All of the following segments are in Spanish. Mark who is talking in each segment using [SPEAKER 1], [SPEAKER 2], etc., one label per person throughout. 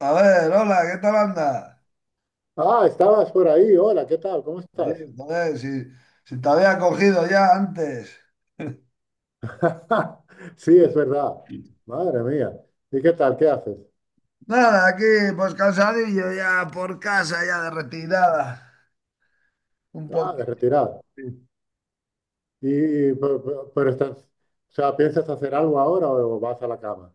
[SPEAKER 1] A ver, hola, ¿qué tal anda?
[SPEAKER 2] Ah, estabas por ahí. Hola, ¿qué tal? ¿Cómo
[SPEAKER 1] Sí,
[SPEAKER 2] estás?
[SPEAKER 1] joder, si te había cogido ya antes.
[SPEAKER 2] Sí, es verdad. Madre mía. ¿Y qué tal? ¿Qué haces?
[SPEAKER 1] Nada, aquí pues cansadillo ya por casa, ya de retirada. Un
[SPEAKER 2] Ah, de
[SPEAKER 1] poquito.
[SPEAKER 2] retirar. Y, pero estás, o sea, ¿piensas hacer algo ahora o vas a la cama?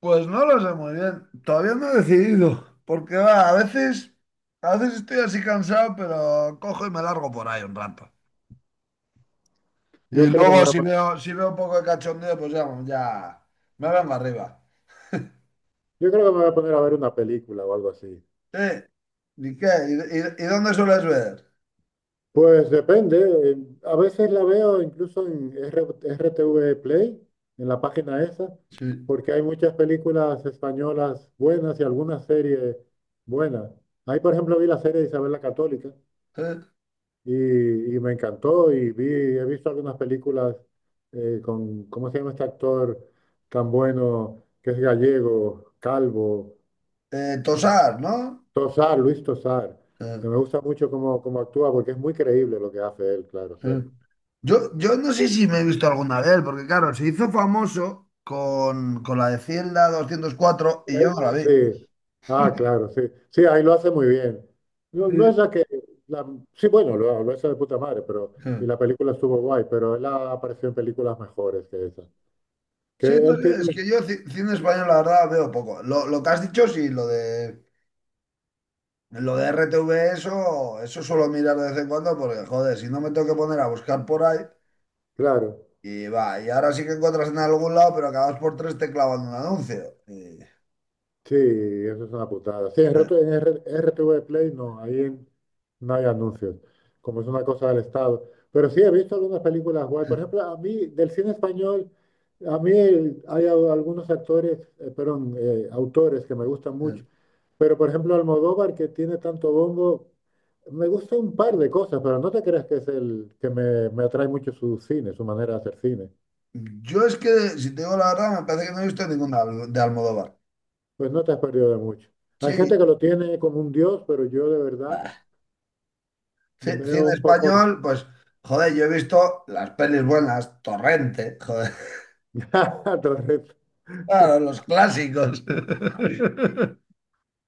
[SPEAKER 1] Pues no lo sé muy bien. Todavía no he decidido. Porque va, a veces estoy así cansado, pero cojo y me largo por ahí un rato. Y
[SPEAKER 2] Yo creo que me
[SPEAKER 1] luego
[SPEAKER 2] voy a,
[SPEAKER 1] si
[SPEAKER 2] pon-
[SPEAKER 1] veo, si veo un poco de cachondeo, pues ya, ya me vengo arriba.
[SPEAKER 2] yo creo que me voy a poner a ver una película o algo así.
[SPEAKER 1] Sí. ¿Y qué? ¿Y dónde sueles ver?
[SPEAKER 2] Pues depende. eh, A veces la veo incluso en RTV Play, en la página esa,
[SPEAKER 1] Sí.
[SPEAKER 2] porque hay muchas películas españolas buenas y algunas series buenas. Ahí, por ejemplo, vi la serie de Isabel la Católica
[SPEAKER 1] ¿Eh?
[SPEAKER 2] y, y me encantó y he visto algunas películas con, ¿cómo se llama este actor tan bueno que es gallego, calvo? Ah,
[SPEAKER 1] Tosar, ¿no?
[SPEAKER 2] Tosar, Luis Tosar.
[SPEAKER 1] Eh,
[SPEAKER 2] Que Me gusta mucho cómo actúa porque es muy creíble lo que hace él, claro,
[SPEAKER 1] eh.
[SPEAKER 2] siempre.
[SPEAKER 1] Yo no sé si me he visto alguna de él, porque claro, se hizo famoso con la de Cielda 204 y
[SPEAKER 2] Eh,
[SPEAKER 1] yo no la vi.
[SPEAKER 2] Sí, ah, claro, sí. Sí, ahí lo hace muy bien. No, no
[SPEAKER 1] Sí,
[SPEAKER 2] es la que... la- sí, bueno, lo hace de puta madre, pero...
[SPEAKER 1] sí.
[SPEAKER 2] Y la película estuvo guay, pero él ha aparecido en películas mejores que esa. Que
[SPEAKER 1] Sí, no
[SPEAKER 2] él
[SPEAKER 1] sé,
[SPEAKER 2] tiene...
[SPEAKER 1] es que yo cine español la verdad veo poco. Lo que has dicho, sí, lo de RTV, eso, eso suelo mirar de vez en cuando, porque joder, si no me tengo que poner a buscar por ahí,
[SPEAKER 2] Claro,
[SPEAKER 1] y va, y ahora sí que encuentras en algún lado, pero acabas por tres te clavan un anuncio. Y,
[SPEAKER 2] sí, eso es una putada. Sí, en RTV Play no, no hay anuncios, como es una cosa del Estado. Pero sí, he visto algunas películas guay. Por ejemplo, a mí, del cine español... A mí hay algunos actores, perdón, autores que me gustan mucho.
[SPEAKER 1] eh.
[SPEAKER 2] Pero, por ejemplo, Almodóvar, que tiene tanto bombo, me gusta un par de cosas, pero no te creas que es el que me atrae mucho su cine, su manera de hacer cine.
[SPEAKER 1] Yo es que, si te digo la verdad, me parece que no he visto ninguna de Almodóvar.
[SPEAKER 2] Pues no te has perdido de mucho. Hay gente
[SPEAKER 1] Sí,
[SPEAKER 2] que lo tiene como un dios, pero yo de verdad
[SPEAKER 1] bah,
[SPEAKER 2] veo
[SPEAKER 1] cine
[SPEAKER 2] un poco...
[SPEAKER 1] español, pues, joder, yo he visto las pelis buenas, Torrente, joder,
[SPEAKER 2] Torres.
[SPEAKER 1] claro, los clásicos.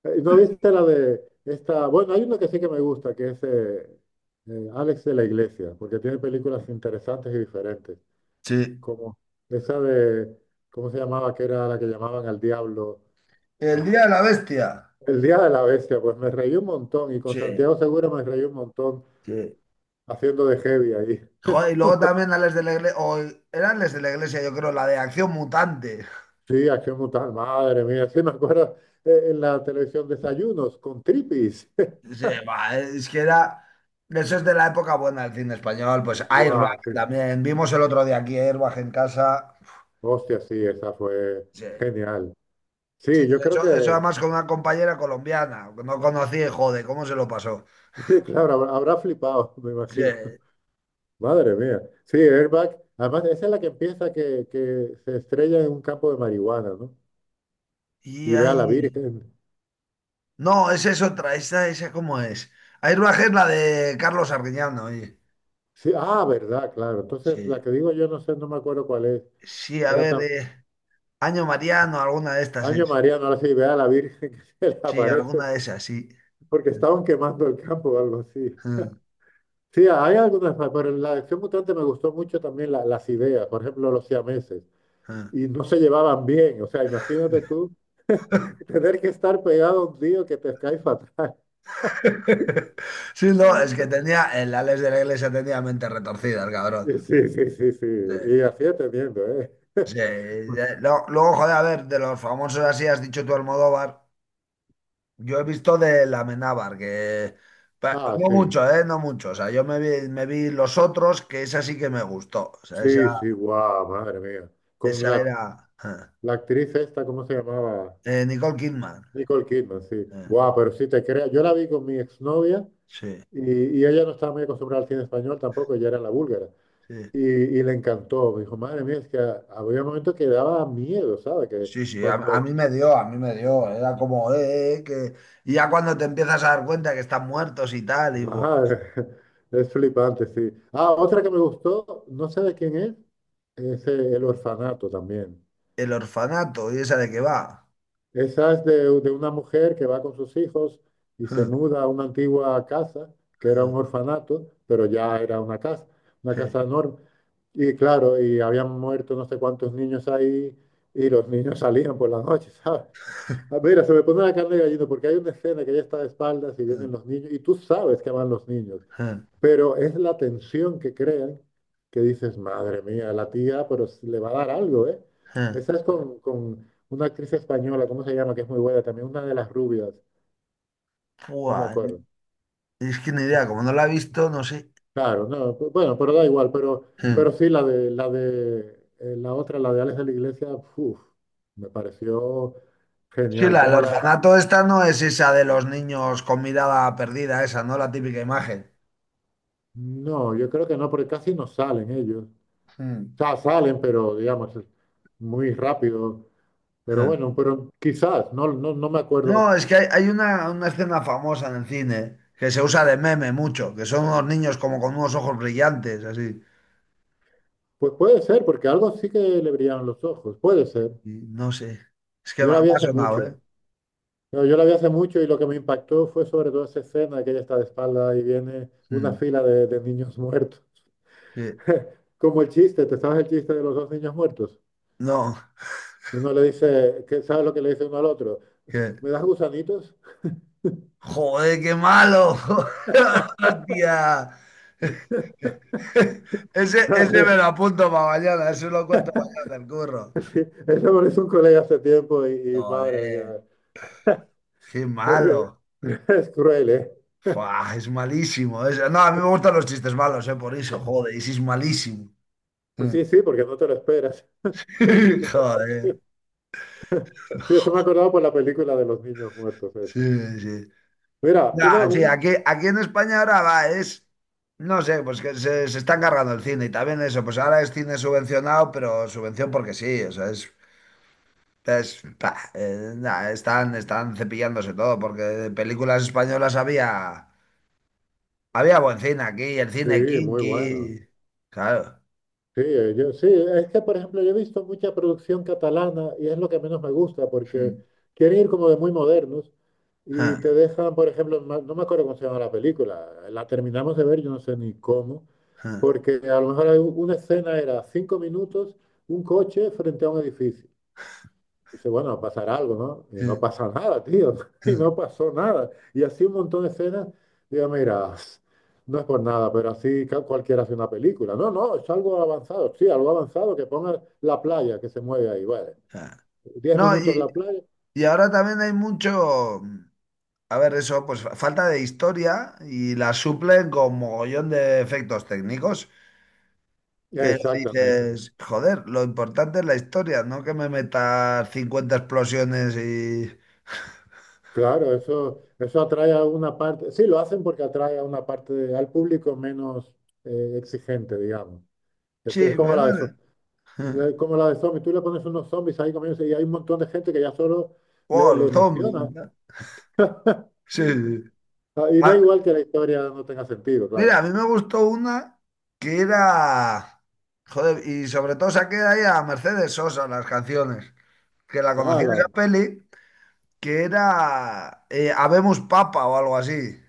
[SPEAKER 2] ¿No viste la de esta? Bueno, hay uno que sí que me gusta, que es Alex de la Iglesia, porque tiene películas interesantes y diferentes,
[SPEAKER 1] Sí.
[SPEAKER 2] como esa de, ¿cómo se llamaba? Que era la que llamaban al diablo.
[SPEAKER 1] El
[SPEAKER 2] Ah,
[SPEAKER 1] Día de la Bestia.
[SPEAKER 2] El Día de la Bestia, pues me reí un montón y con
[SPEAKER 1] Sí,
[SPEAKER 2] Santiago Segura me reí un montón
[SPEAKER 1] sí.
[SPEAKER 2] haciendo de heavy ahí.
[SPEAKER 1] Joder, y luego también a Les de la Iglesia, o eran Les de la Iglesia, yo creo, la de Acción Mutante.
[SPEAKER 2] Sí, Acción Mutal, madre mía, sí me acuerdo en la televisión Desayunos con Tripis.
[SPEAKER 1] Sí, va es que era, eso es de la época buena del cine español, pues Airbag
[SPEAKER 2] Guau, sí.
[SPEAKER 1] también, vimos el otro día aquí Airbag en casa.
[SPEAKER 2] Hostia, sí, esa fue
[SPEAKER 1] Sí.
[SPEAKER 2] genial.
[SPEAKER 1] Sí,
[SPEAKER 2] Sí, yo creo
[SPEAKER 1] eso además con una compañera colombiana, que no conocí, joder, ¿cómo se lo pasó?
[SPEAKER 2] claro, habrá flipado, me
[SPEAKER 1] Sí,
[SPEAKER 2] imagino. Madre mía. Sí, Airbag, además esa es la que empieza que se estrella en un campo de marihuana, ¿no?
[SPEAKER 1] y
[SPEAKER 2] Y ve a la
[SPEAKER 1] ahí...
[SPEAKER 2] Virgen.
[SPEAKER 1] No, esa es otra, esa cómo es. Hay una que es la de Carlos Arguiñano, oye.
[SPEAKER 2] Sí, ah, verdad, claro. Entonces, la
[SPEAKER 1] Sí,
[SPEAKER 2] que digo yo no sé, no me acuerdo cuál es.
[SPEAKER 1] sí,
[SPEAKER 2] Que
[SPEAKER 1] a
[SPEAKER 2] era
[SPEAKER 1] ver,
[SPEAKER 2] tan
[SPEAKER 1] Año Mariano, alguna de estas
[SPEAKER 2] año
[SPEAKER 1] es.
[SPEAKER 2] María, no sé si ve a la Virgen que se le
[SPEAKER 1] Sí,
[SPEAKER 2] aparece,
[SPEAKER 1] alguna de esas, sí.
[SPEAKER 2] porque estaban quemando el campo o algo así. Sí, hay algunas más, pero en la acción mutante me gustó mucho también las ideas, por ejemplo, los siameses, y no se llevaban bien, o sea, imagínate tú tener que estar pegado a un tío que te cae fatal.
[SPEAKER 1] Sí, no, es que tenía, el Alex de la Iglesia tenía mente retorcida, el cabrón.
[SPEAKER 2] Sí, sí, sí, sí, sí,
[SPEAKER 1] Sí,
[SPEAKER 2] y así entendiendo, ¿eh?
[SPEAKER 1] sí, no, luego, joder, a ver, de los famosos así, has dicho tú Almodóvar. Yo he visto de la Amenábar, que
[SPEAKER 2] Ah,
[SPEAKER 1] no
[SPEAKER 2] sí,
[SPEAKER 1] mucho, ¿eh? No mucho. O sea, yo me vi los otros, que esa sí que me gustó. O sea, esa,
[SPEAKER 2] sí, sí, guau, madre mía. Con
[SPEAKER 1] esa
[SPEAKER 2] la,
[SPEAKER 1] era
[SPEAKER 2] la actriz esta, ¿cómo se llamaba?
[SPEAKER 1] Nicole Kidman.
[SPEAKER 2] Nicole Kidman, sí.
[SPEAKER 1] eh,
[SPEAKER 2] Guau, pero sí te creas, yo la vi con mi exnovia.
[SPEAKER 1] sí,
[SPEAKER 2] Y ella no estaba muy acostumbrada al cine español tampoco, ella era la búlgara.
[SPEAKER 1] sí.
[SPEAKER 2] Y le encantó, me dijo, madre mía, es que a había momentos que daba miedo, ¿sabes?
[SPEAKER 1] Sí, sí, a
[SPEAKER 2] Cuando,
[SPEAKER 1] mí me dio, a mí me dio. Era como, que... Y ya cuando te empiezas a dar cuenta que están muertos y tal, y buah,
[SPEAKER 2] madre, es flipante, sí. Ah, otra que me gustó, no sé de quién es El Orfanato también.
[SPEAKER 1] el orfanato, ¿y esa de qué va?
[SPEAKER 2] Esa es de una mujer que va con sus hijos y se muda a una antigua casa, que era un orfanato, pero ya era una casa enorme. Y claro, y habían muerto no sé cuántos niños ahí y los niños salían por la noche, ¿sabes? Ah, mira, se me pone la carne de gallina porque hay una escena que ella está de espaldas y vienen los niños y tú sabes que van los niños. Pero es la tensión que crean, que dices, madre mía, la tía, pero le va a dar algo, ¿eh? Esa es con una actriz española, ¿cómo se llama? Que es muy buena también, una de las rubias, no me
[SPEAKER 1] Buah,
[SPEAKER 2] acuerdo.
[SPEAKER 1] es que ni idea, como no la he visto, no sé.
[SPEAKER 2] Claro, no, bueno, pero da igual, pero sí, la otra, la de Alex de la Iglesia, uf, me pareció
[SPEAKER 1] Sí,
[SPEAKER 2] genial.
[SPEAKER 1] la del orfanato esta no es esa de los niños con mirada perdida, esa, ¿no? La típica imagen.
[SPEAKER 2] No, yo creo que no, porque casi no salen ellos. O
[SPEAKER 1] Mm.
[SPEAKER 2] sea, salen, pero digamos, es muy rápido. Pero
[SPEAKER 1] Mm.
[SPEAKER 2] bueno, pero quizás, no me
[SPEAKER 1] No,
[SPEAKER 2] acuerdo.
[SPEAKER 1] es que hay una escena famosa en el cine que se usa de meme mucho, que son unos niños como con unos ojos brillantes, así.
[SPEAKER 2] Pues puede ser, porque algo sí que le brillaban los ojos, puede ser.
[SPEAKER 1] Y no sé. Es que
[SPEAKER 2] Yo la
[SPEAKER 1] me
[SPEAKER 2] vi
[SPEAKER 1] ha
[SPEAKER 2] hace
[SPEAKER 1] sonado, ¿eh?
[SPEAKER 2] mucho. Yo la vi hace mucho y lo que me impactó fue sobre todo esa escena de que ella está de espalda y viene una
[SPEAKER 1] Mm,
[SPEAKER 2] fila de niños muertos.
[SPEAKER 1] sí.
[SPEAKER 2] Como el chiste, ¿te sabes el chiste de los dos niños muertos?
[SPEAKER 1] No,
[SPEAKER 2] Uno le dice, qué, ¿sabes lo que le dice uno al otro?
[SPEAKER 1] que.
[SPEAKER 2] ¿Me das gusanitos?
[SPEAKER 1] ¡Joder, qué malo! ¡Hostia! Ese me
[SPEAKER 2] Madre,
[SPEAKER 1] lo apunto para mañana, eso lo cuento mañana, el curro.
[SPEAKER 2] sí, eso me lo hizo un colega hace tiempo y madre
[SPEAKER 1] Joder.
[SPEAKER 2] mía,
[SPEAKER 1] Qué malo.
[SPEAKER 2] es, es cruel, ¿eh?
[SPEAKER 1] Fua, es malísimo. No, a mí me gustan los chistes malos, por eso, joder, y si es malísimo. Mm.
[SPEAKER 2] Sí, sí, porque no te lo esperas. Sí, sí,
[SPEAKER 1] Joder.
[SPEAKER 2] sí. Sí, eso me acordaba por la película de los niños muertos.
[SPEAKER 1] Sí,
[SPEAKER 2] Eso.
[SPEAKER 1] sí.
[SPEAKER 2] Mira,
[SPEAKER 1] No,
[SPEAKER 2] una,
[SPEAKER 1] sí,
[SPEAKER 2] un...
[SPEAKER 1] aquí en España ahora va, es, no sé, pues que se están cargando el cine y también eso, pues ahora es cine subvencionado, pero subvención porque sí, o sea, es, nah, están cepillándose todo, porque de películas españolas había buen cine aquí, el
[SPEAKER 2] Sí,
[SPEAKER 1] cine
[SPEAKER 2] muy bueno.
[SPEAKER 1] kinky, claro.
[SPEAKER 2] Sí, sí, es que, por ejemplo, yo he visto mucha producción catalana y es lo que menos me gusta porque quieren ir como de muy modernos y te dejan, por ejemplo, no me acuerdo cómo se llama la película, la terminamos de ver, yo no sé ni cómo, porque a lo mejor hay una escena era cinco minutos, un coche frente a un edificio. Dice, bueno, va a pasar algo, ¿no? Y no
[SPEAKER 1] Mm,
[SPEAKER 2] pasa nada, tío. Y
[SPEAKER 1] mm.
[SPEAKER 2] no pasó nada. Y así un montón de escenas. Digo, mira, no es por nada, pero así cualquiera hace una película. No, no, es algo avanzado. Sí, algo avanzado que ponga la playa que se mueve ahí. Bueno,
[SPEAKER 1] Ah.
[SPEAKER 2] diez
[SPEAKER 1] No,
[SPEAKER 2] minutos
[SPEAKER 1] y,
[SPEAKER 2] la playa.
[SPEAKER 1] y ahora también hay mucho, a ver, eso, pues falta de historia y la suplen con mogollón de efectos técnicos. Pero
[SPEAKER 2] Exactamente.
[SPEAKER 1] dices, joder, lo importante es la historia, no que me metas 50 explosiones y...
[SPEAKER 2] Claro, eso atrae a una parte. Sí, lo hacen porque atrae a una parte al público menos exigente, digamos.
[SPEAKER 1] Sí,
[SPEAKER 2] Esto es como
[SPEAKER 1] pero
[SPEAKER 2] la
[SPEAKER 1] no
[SPEAKER 2] de,
[SPEAKER 1] sé.
[SPEAKER 2] Le- Como la de zombies, tú le pones unos zombies ahí comiéndose y hay un montón de gente que ya solo
[SPEAKER 1] Wow,
[SPEAKER 2] le
[SPEAKER 1] los zombies.
[SPEAKER 2] emociona.
[SPEAKER 1] Y tal. Sí, sí.
[SPEAKER 2] Ah, y da
[SPEAKER 1] Ah,
[SPEAKER 2] igual que la historia no tenga sentido,
[SPEAKER 1] mira,
[SPEAKER 2] claro.
[SPEAKER 1] a mí me gustó una que era... Joder, y sobre todo saqué ahí a Mercedes Sosa las canciones, que la conocí
[SPEAKER 2] Ah,
[SPEAKER 1] en
[SPEAKER 2] la,
[SPEAKER 1] esa peli que era Habemos Papa o algo así,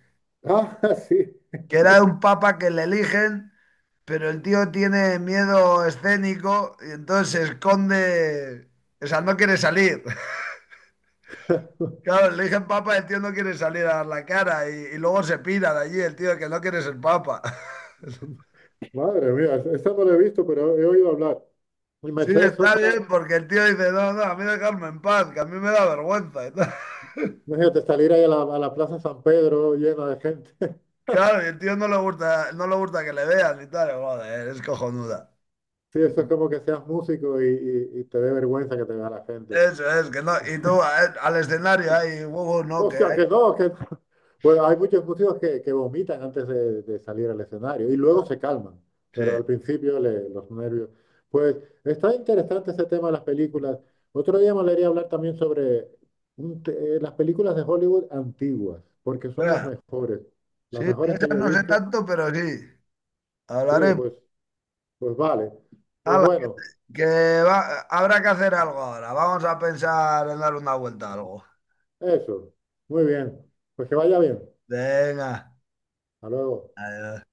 [SPEAKER 2] sí.
[SPEAKER 1] que era un papa que le eligen, pero el tío tiene miedo escénico y entonces se esconde, o sea, no quiere salir. Claro, le eligen papa, el tío no quiere salir a dar la cara y luego se pira de allí el tío que no quiere ser papa.
[SPEAKER 2] Madre mía, esa no la he visto, pero he oído hablar. Y
[SPEAKER 1] Sí,
[SPEAKER 2] Mercedes
[SPEAKER 1] está
[SPEAKER 2] Sosa,
[SPEAKER 1] bien, porque el tío dice, no, no, a mí dejarme en paz, que a mí me da vergüenza y tal.
[SPEAKER 2] imagínate salir ahí a a la Plaza San Pedro llena de gente.
[SPEAKER 1] Claro, y el tío no le gusta, no le gusta que le vean y tal. Joder, es cojonuda.
[SPEAKER 2] Sí, eso es como que seas músico y te dé vergüenza que te vea la gente.
[SPEAKER 1] Eso es, que no. Y tú al escenario ahí, huevos, no, que
[SPEAKER 2] Hostia,
[SPEAKER 1] hay.
[SPEAKER 2] que no, que no. Bueno, hay muchos músicos que vomitan antes de salir al escenario y luego se calman, pero al
[SPEAKER 1] Sí.
[SPEAKER 2] principio los nervios. Pues está interesante ese tema de las películas. Otro día me gustaría hablar también sobre las películas de Hollywood antiguas, porque son
[SPEAKER 1] Espera, sí,
[SPEAKER 2] las
[SPEAKER 1] de
[SPEAKER 2] mejores que
[SPEAKER 1] esas
[SPEAKER 2] yo he
[SPEAKER 1] no sé
[SPEAKER 2] visto.
[SPEAKER 1] tanto, pero sí.
[SPEAKER 2] Sí,
[SPEAKER 1] Hablaremos.
[SPEAKER 2] pues, pues vale. Pues
[SPEAKER 1] Hala, que,
[SPEAKER 2] bueno,
[SPEAKER 1] que va- habrá que hacer algo ahora. Vamos a pensar en dar una vuelta a algo.
[SPEAKER 2] eso. Muy bien. Pues que vaya bien.
[SPEAKER 1] Venga.
[SPEAKER 2] Hasta luego.
[SPEAKER 1] Adiós.